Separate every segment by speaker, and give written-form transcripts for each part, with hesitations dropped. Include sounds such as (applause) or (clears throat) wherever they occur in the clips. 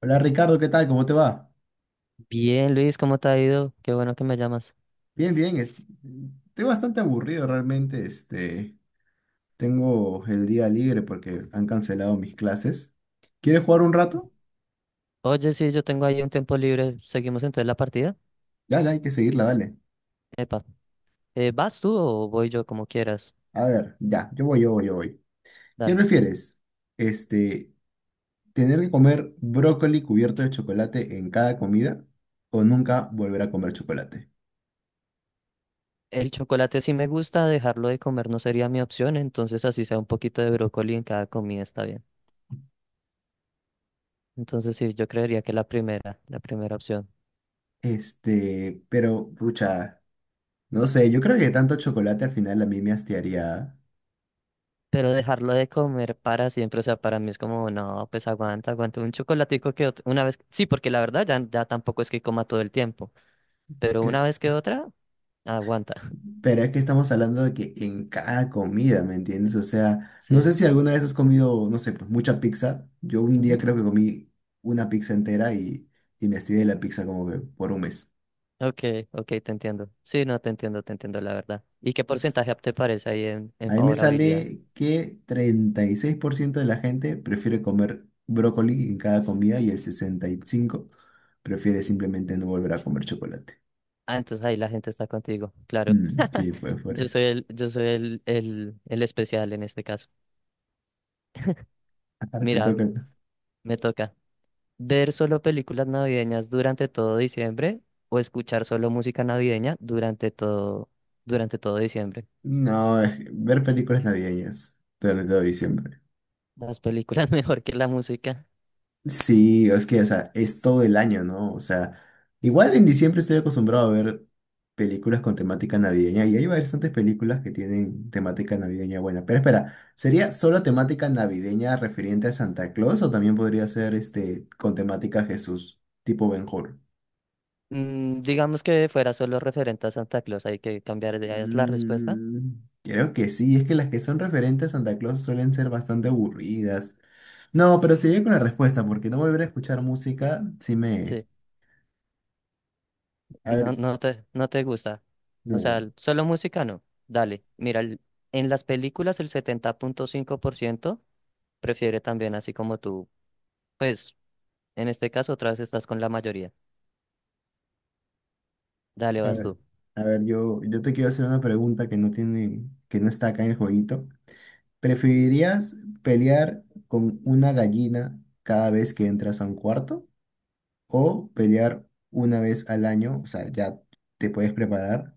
Speaker 1: Hola Ricardo, ¿qué tal? ¿Cómo te va?
Speaker 2: Bien, Luis, ¿cómo te ha ido? Qué bueno que me llamas.
Speaker 1: Bien, bien. Estoy bastante aburrido realmente. Tengo el día libre porque han cancelado mis clases. ¿Quieres jugar un rato?
Speaker 2: Oye, sí, yo tengo ahí un tiempo libre. ¿Seguimos entonces la partida?
Speaker 1: Dale, hay que seguirla, dale.
Speaker 2: Epa. ¿Vas tú o voy yo como quieras?
Speaker 1: A ver, ya, yo voy, yo voy, yo voy. ¿Qué
Speaker 2: Dale.
Speaker 1: prefieres? Este, ¿Tener que comer brócoli cubierto de chocolate en cada comida o nunca volver a comer chocolate?
Speaker 2: El chocolate sí me gusta, dejarlo de comer no sería mi opción, entonces así sea un poquito de brócoli en cada comida está bien. Entonces sí, yo creería que la primera opción.
Speaker 1: Este, pero, pucha, no sé, yo creo que tanto chocolate al final a mí me hastiaría.
Speaker 2: Pero dejarlo de comer para siempre, o sea, para mí es como, no, pues aguanta, aguanta un chocolatico que una vez, sí, porque la verdad ya tampoco es que coma todo el tiempo, pero una vez que otra, aguanta. (laughs)
Speaker 1: Pero es que estamos hablando de que en cada comida, ¿me entiendes? O sea, no sé
Speaker 2: Sí.
Speaker 1: si alguna vez has comido, no sé, pues mucha pizza. Yo un día creo que comí una pizza entera y me estiré de la pizza como que por un mes.
Speaker 2: Ok, ok, te entiendo. Sí, no, te entiendo, la verdad. ¿Y qué porcentaje te parece ahí en
Speaker 1: A mí me
Speaker 2: favorabilidad?
Speaker 1: sale que 36% de la gente prefiere comer brócoli en cada comida y el 65% prefiere simplemente no volver a comer chocolate.
Speaker 2: Ah, entonces ahí la gente está contigo, claro.
Speaker 1: Mm,
Speaker 2: (laughs)
Speaker 1: sí, pues por
Speaker 2: Yo
Speaker 1: eso.
Speaker 2: soy el, yo soy el, el, el especial en este caso.
Speaker 1: Ahora te
Speaker 2: Mira,
Speaker 1: toca...
Speaker 2: me toca ver solo películas navideñas durante todo diciembre o escuchar solo música navideña durante todo diciembre.
Speaker 1: No, ver películas navideñas durante todo diciembre.
Speaker 2: Las películas (laughs) mejor que la música.
Speaker 1: Sí, es que, o sea, es todo el año, ¿no? O sea, igual en diciembre estoy acostumbrado a ver películas con temática navideña y hay bastantes películas que tienen temática navideña buena. Pero espera, ¿sería solo temática navideña referente a Santa Claus o también podría ser este con temática Jesús, tipo Ben-Hur?
Speaker 2: Mm, digamos que fuera solo referente a Santa Claus, hay que cambiar de es la respuesta.
Speaker 1: Mm, creo que sí, es que las que son referentes a Santa Claus suelen ser bastante aburridas. No, pero seguiré con la respuesta porque no volver a escuchar música, sí me...
Speaker 2: Sí.
Speaker 1: A
Speaker 2: No,
Speaker 1: ver,
Speaker 2: no te gusta. O sea,
Speaker 1: no.
Speaker 2: solo música no. Dale, mira, en las películas el 70,5% prefiere también así como tú. Pues, en este caso otra vez estás con la mayoría. Dale,
Speaker 1: A
Speaker 2: vas
Speaker 1: ver,
Speaker 2: tú.
Speaker 1: a ver, yo te quiero hacer una pregunta que no tiene, que no está acá en el jueguito. ¿Preferirías pelear con una gallina cada vez que entras a un cuarto? ¿O pelear una vez al año? O sea, ya te puedes preparar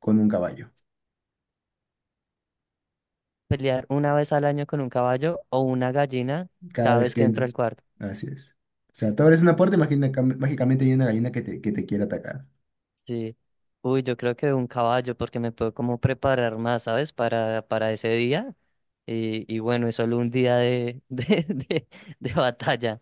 Speaker 1: con un caballo.
Speaker 2: Pelear una vez al año con un caballo o una gallina
Speaker 1: Cada
Speaker 2: cada
Speaker 1: vez
Speaker 2: vez
Speaker 1: que
Speaker 2: que entro
Speaker 1: entres.
Speaker 2: al cuarto.
Speaker 1: Así es. O sea, tú abres una puerta y mágicamente hay una gallina que te quiere atacar.
Speaker 2: Sí. Uy, yo creo que un caballo porque me puedo como preparar más, ¿sabes? Para ese día. Y bueno, es solo un día de, (laughs) de batalla.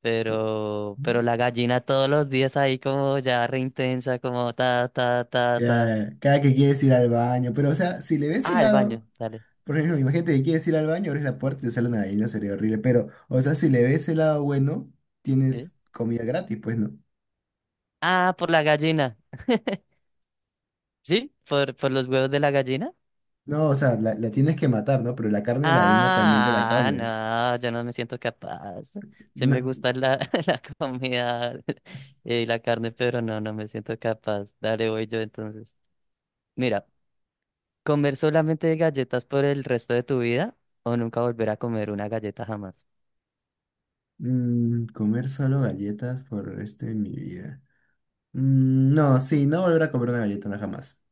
Speaker 2: Pero la gallina todos los días ahí como ya re intensa, como ta, ta, ta, ta.
Speaker 1: Cada, cada que quieres ir al baño, pero o sea, si le ves el
Speaker 2: Ah, el
Speaker 1: lado,
Speaker 2: baño, dale.
Speaker 1: por ejemplo, imagínate que quieres ir al baño, abres la puerta y te sale una gallina, sería horrible. Pero, o sea, si le ves el lado bueno,
Speaker 2: ¿Sí?
Speaker 1: tienes comida gratis, pues no.
Speaker 2: Ah, por la gallina. ¿Sí? ¿Por los huevos de la gallina?
Speaker 1: No, o sea, la tienes que matar, ¿no? Pero la carne de la gallina también te la
Speaker 2: Ah,
Speaker 1: comes.
Speaker 2: no, yo no me siento capaz. Sí me
Speaker 1: No.
Speaker 2: gusta la, (laughs) la comida y la carne, pero no, no me siento capaz. Dale, voy yo entonces. Mira, ¿comer solamente galletas por el resto de tu vida o nunca volver a comer una galleta jamás?
Speaker 1: Mm, comer solo galletas por el resto de mi vida. Mm, no, sí, no volver a comer una galleta, no jamás.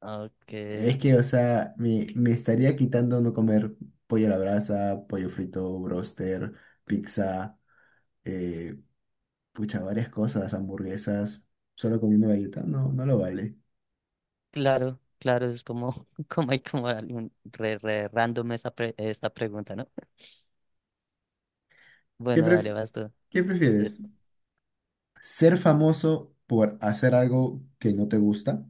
Speaker 2: Ok.
Speaker 1: Es que, o sea, me estaría quitando no comer pollo a la brasa, pollo frito, broster, pizza. eh, Pucha, varias cosas, hamburguesas, solo comiendo galleta, no, no lo vale.
Speaker 2: Claro, claro, es como, (laughs) como hay como algún re random esa esta pregunta, ¿no?
Speaker 1: ¿Qué
Speaker 2: Bueno, dale,
Speaker 1: pref-
Speaker 2: vas tú.
Speaker 1: ¿qué
Speaker 2: Eh,
Speaker 1: prefieres? ¿Ser famoso por hacer algo que no te gusta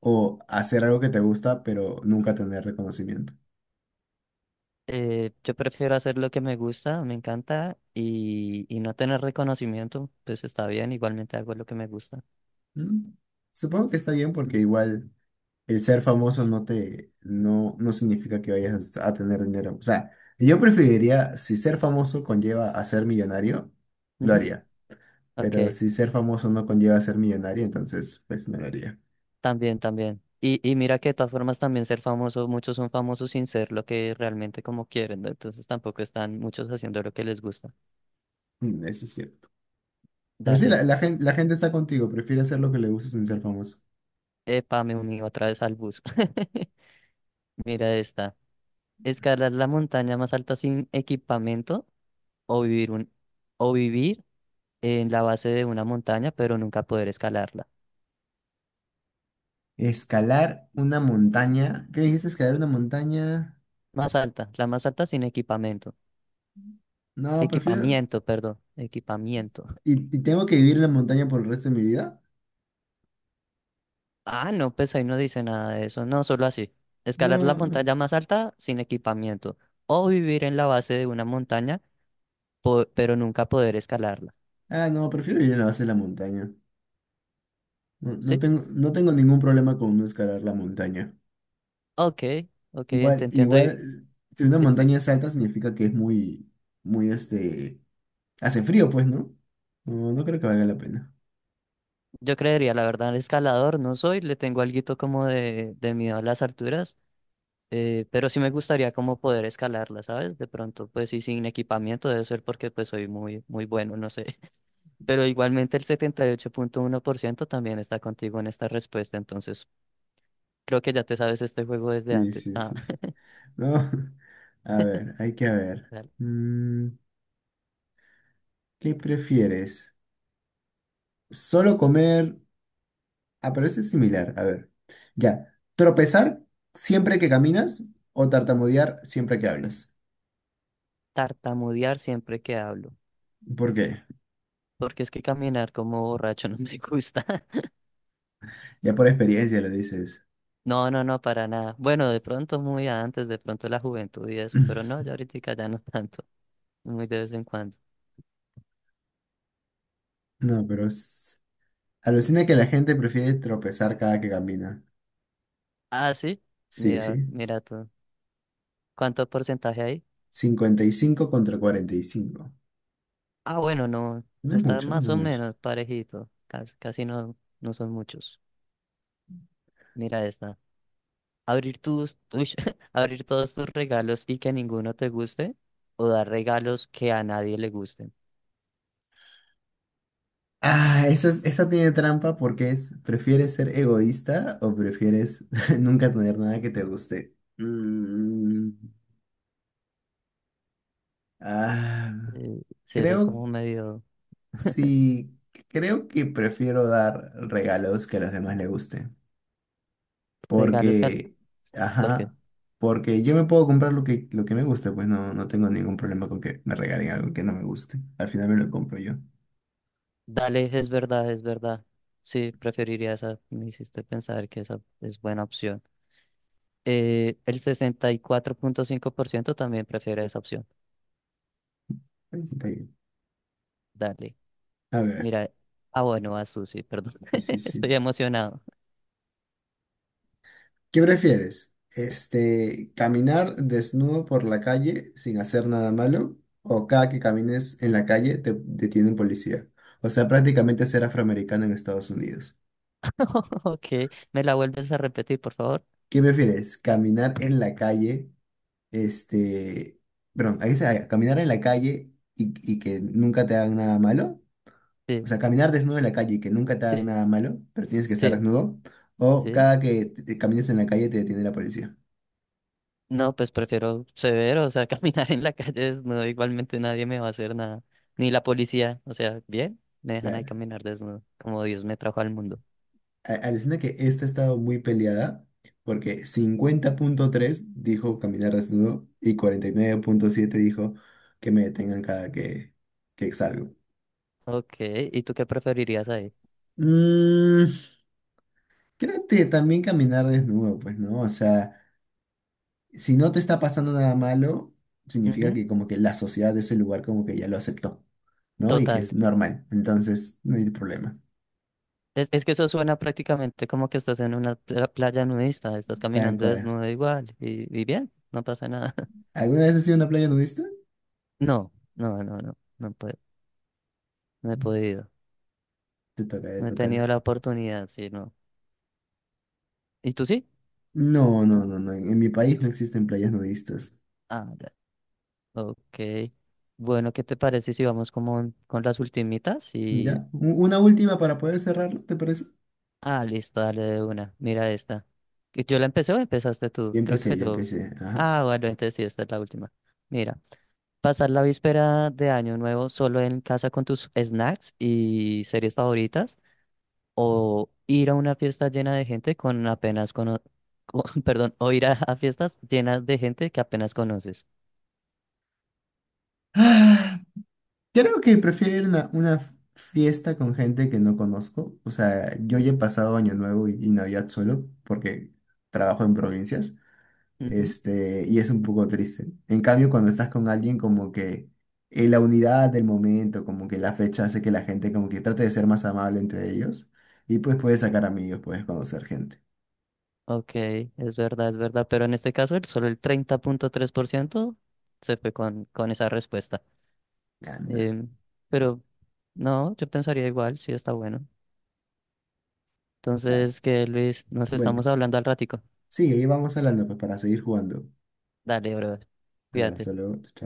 Speaker 1: o hacer algo que te gusta pero nunca tener reconocimiento?
Speaker 2: yo prefiero hacer lo que me gusta, me encanta, y no tener reconocimiento, pues está bien, igualmente hago lo que me gusta.
Speaker 1: ¿Mm? Supongo que está bien porque igual el ser famoso no te, no, no significa que vayas a tener dinero. O sea, yo preferiría, si ser famoso conlleva a ser millonario, lo
Speaker 2: Ujú.
Speaker 1: haría.
Speaker 2: Ok,
Speaker 1: Pero si ser famoso no conlleva a ser millonario, entonces pues no lo haría.
Speaker 2: también, también. Y mira que de todas formas también ser famoso, muchos son famosos sin ser lo que realmente como quieren, ¿no? Entonces tampoco están muchos haciendo lo que les gusta.
Speaker 1: Mm, eso es cierto. Pero sí,
Speaker 2: Dale,
Speaker 1: la gente, la gente está contigo, prefiere hacer lo que le gusta sin ser famoso.
Speaker 2: epa, me uní otra vez al bus. (laughs) Mira esta. Escalar la montaña más alta sin equipamiento o vivir un, o vivir en la base de una montaña, pero nunca poder escalarla.
Speaker 1: Escalar una montaña. ¿Qué dijiste? ¿Escalar una montaña?
Speaker 2: Más alta, la más alta sin equipamiento.
Speaker 1: No, prefiero.
Speaker 2: Equipamiento, perdón, equipamiento.
Speaker 1: Y tengo que vivir en la montaña por el resto de mi vida?
Speaker 2: Ah, no, pues ahí no dice nada de eso, no, solo así. Escalar la
Speaker 1: No.
Speaker 2: montaña más alta sin equipamiento o vivir en la base de una montaña, pero nunca poder escalarla.
Speaker 1: Ah, no, prefiero vivir en la base de la montaña. No, no
Speaker 2: ¿Sí?
Speaker 1: tengo, no tengo ningún problema con no escalar la montaña.
Speaker 2: Ok, ok,
Speaker 1: Igual,
Speaker 2: entiendo.
Speaker 1: igual, si una montaña es alta, significa que es muy, muy, hace frío, pues, ¿no? No, no creo que valga la pena.
Speaker 2: Yo creería, la verdad, escalador no soy, le tengo alguito como de, miedo a las alturas, pero sí me gustaría como poder escalarla, ¿sabes? De pronto, pues sí, sin equipamiento debe ser porque pues soy muy, muy bueno, no sé. (laughs) Pero igualmente el 78,1% también está contigo en esta respuesta, entonces creo que ya te sabes este juego desde
Speaker 1: Sí,
Speaker 2: antes.
Speaker 1: sí,
Speaker 2: Ah,
Speaker 1: sí, sí. No, (laughs) a ver, hay que
Speaker 2: (laughs)
Speaker 1: ver.
Speaker 2: dale.
Speaker 1: Mm, ¿qué prefieres? Solo comer. Ah, pero ese es similar. A ver. Ya. ¿Tropezar siempre que caminas o tartamudear siempre que hablas?
Speaker 2: Tartamudear siempre que hablo,
Speaker 1: ¿Por qué? (laughs)
Speaker 2: porque es que caminar como borracho (laughs) no me gusta.
Speaker 1: Ya por experiencia lo dices.
Speaker 2: No, no, no, para nada. Bueno, de pronto muy antes, de pronto la juventud y eso, pero no,
Speaker 1: (laughs) (clears throat)
Speaker 2: ya ahorita ya no (laughs) tanto, muy de vez en cuando.
Speaker 1: No, pero alucina que la gente prefiere tropezar cada que camina.
Speaker 2: Ah, sí,
Speaker 1: Sí,
Speaker 2: mira,
Speaker 1: sí.
Speaker 2: mira tú. ¿Cuánto porcentaje hay?
Speaker 1: 55 contra 45.
Speaker 2: Ah, bueno, no,
Speaker 1: No es
Speaker 2: está
Speaker 1: mucho, no
Speaker 2: más
Speaker 1: es
Speaker 2: o
Speaker 1: mucho.
Speaker 2: menos parejito, casi, casi no, no son muchos. Mira esta. Uy, (laughs) abrir todos tus regalos y que ninguno te guste, o dar regalos que a nadie le gusten.
Speaker 1: Ah, esa, esa tiene trampa porque es, ¿prefieres ser egoísta o prefieres (laughs) nunca tener nada que te guste? Mm, ah,
Speaker 2: Sí, eso es
Speaker 1: creo,
Speaker 2: como medio. (laughs)
Speaker 1: sí, creo que prefiero dar regalos que a los demás les gusten.
Speaker 2: Regalos que... a-
Speaker 1: Porque,
Speaker 2: porque.
Speaker 1: ajá, porque yo me puedo comprar lo que me guste, pues no, no tengo ningún problema con que me regalen algo que no me guste. Al final me lo compro yo.
Speaker 2: Dale, es verdad, es verdad. Sí, preferiría esa. Me hiciste pensar que esa es buena opción. El 64,5% también prefiere esa opción.
Speaker 1: Ahí está bien.
Speaker 2: Dale.
Speaker 1: A ver,
Speaker 2: Mira. Ah, bueno, a Susi, perdón.
Speaker 1: sí, sí,
Speaker 2: (laughs) Estoy
Speaker 1: sí.
Speaker 2: emocionado.
Speaker 1: ¿Qué prefieres? ¿Caminar desnudo por la calle sin hacer nada malo? ¿O cada que camines en la calle te detiene un policía? O sea, prácticamente ser afroamericano en Estados Unidos.
Speaker 2: (laughs) Ok. ¿Me la vuelves a repetir, por favor?
Speaker 1: ¿Qué prefieres? ¿Caminar en la calle? Este, perdón, ahí dice, ah, caminar en la calle y que nunca te hagan nada malo. O
Speaker 2: Sí,
Speaker 1: sea, caminar desnudo en la calle y que nunca te hagan
Speaker 2: sí,
Speaker 1: nada malo, pero tienes que estar
Speaker 2: sí,
Speaker 1: desnudo. O
Speaker 2: sí.
Speaker 1: cada que te camines en la calle te detiene la policía.
Speaker 2: No, pues prefiero severo, o sea, (laughs) caminar en la calle desnudo. Igualmente nadie me va a hacer nada. Ni la policía. O sea, bien, me dejan ahí
Speaker 1: Claro.
Speaker 2: caminar desnudo, como Dios me trajo al mundo.
Speaker 1: Alucina que esta ha estado muy peleada porque 50,3% dijo caminar desnudo y 49,7% dijo que me detengan cada que salgo.
Speaker 2: Ok, ¿y tú qué preferirías ahí?
Speaker 1: Mm, creo que también caminar desnudo, pues, ¿no? O sea, si no te está pasando nada malo, significa
Speaker 2: Ujú.
Speaker 1: que como que la sociedad de ese lugar como que ya lo aceptó, ¿no? Y que
Speaker 2: Total.
Speaker 1: es normal, entonces no hay problema.
Speaker 2: Es que eso suena prácticamente como que estás en una playa nudista, estás
Speaker 1: Tal
Speaker 2: caminando
Speaker 1: cual.
Speaker 2: desnudo igual y bien, no pasa nada. (laughs)
Speaker 1: ¿Alguna vez has sido una playa nudista?
Speaker 2: No, no, no, no, no, puedo, no he podido,
Speaker 1: Te toca, te
Speaker 2: no he
Speaker 1: toca.
Speaker 2: tenido la oportunidad, sí, no. ¿Y tú sí?
Speaker 1: No, no, no, no. En mi país no existen playas nudistas.
Speaker 2: Ah, ya. Ok. Bueno, ¿qué te parece si vamos como con las ultimitas? Y...
Speaker 1: ¿Ya? Una última para poder cerrarlo, ¿te parece?
Speaker 2: Ah, listo, dale de una, mira esta. ¿Que ¿Yo la empecé o empezaste tú?
Speaker 1: Yo
Speaker 2: Creo
Speaker 1: empecé,
Speaker 2: que
Speaker 1: yo
Speaker 2: yo...
Speaker 1: empecé. Ajá.
Speaker 2: Ah, bueno, entonces sí, esta es la última. Mira. Pasar la víspera de Año Nuevo solo en casa con tus snacks y series favoritas, o ir a una fiesta llena de gente con apenas cono (laughs) perdón, o ir a fiestas llenas de gente que apenas conoces.
Speaker 1: Ah, creo que prefiero ir a una fiesta con gente que no conozco. O sea, yo ya he pasado Año Nuevo y Navidad solo porque trabajo en provincias.
Speaker 2: Ujú.
Speaker 1: Este, y es un poco triste. En cambio, cuando estás con alguien, como que la unidad del momento, como que la fecha hace que la gente como que trate de ser más amable entre ellos. Y pues puedes sacar amigos, puedes conocer gente.
Speaker 2: Ok, es verdad, pero en este caso solo el 30,3% se fue con esa respuesta.
Speaker 1: Anda,
Speaker 2: Em, pero no, yo pensaría igual, sí está bueno.
Speaker 1: ya.
Speaker 2: Entonces, que Luis, nos
Speaker 1: Bueno,
Speaker 2: estamos hablando al ratico.
Speaker 1: sigue y vamos hablando pues para seguir jugando.
Speaker 2: Dale, brother,
Speaker 1: Hasta luego, hasta
Speaker 2: fíjate.
Speaker 1: luego. Chao.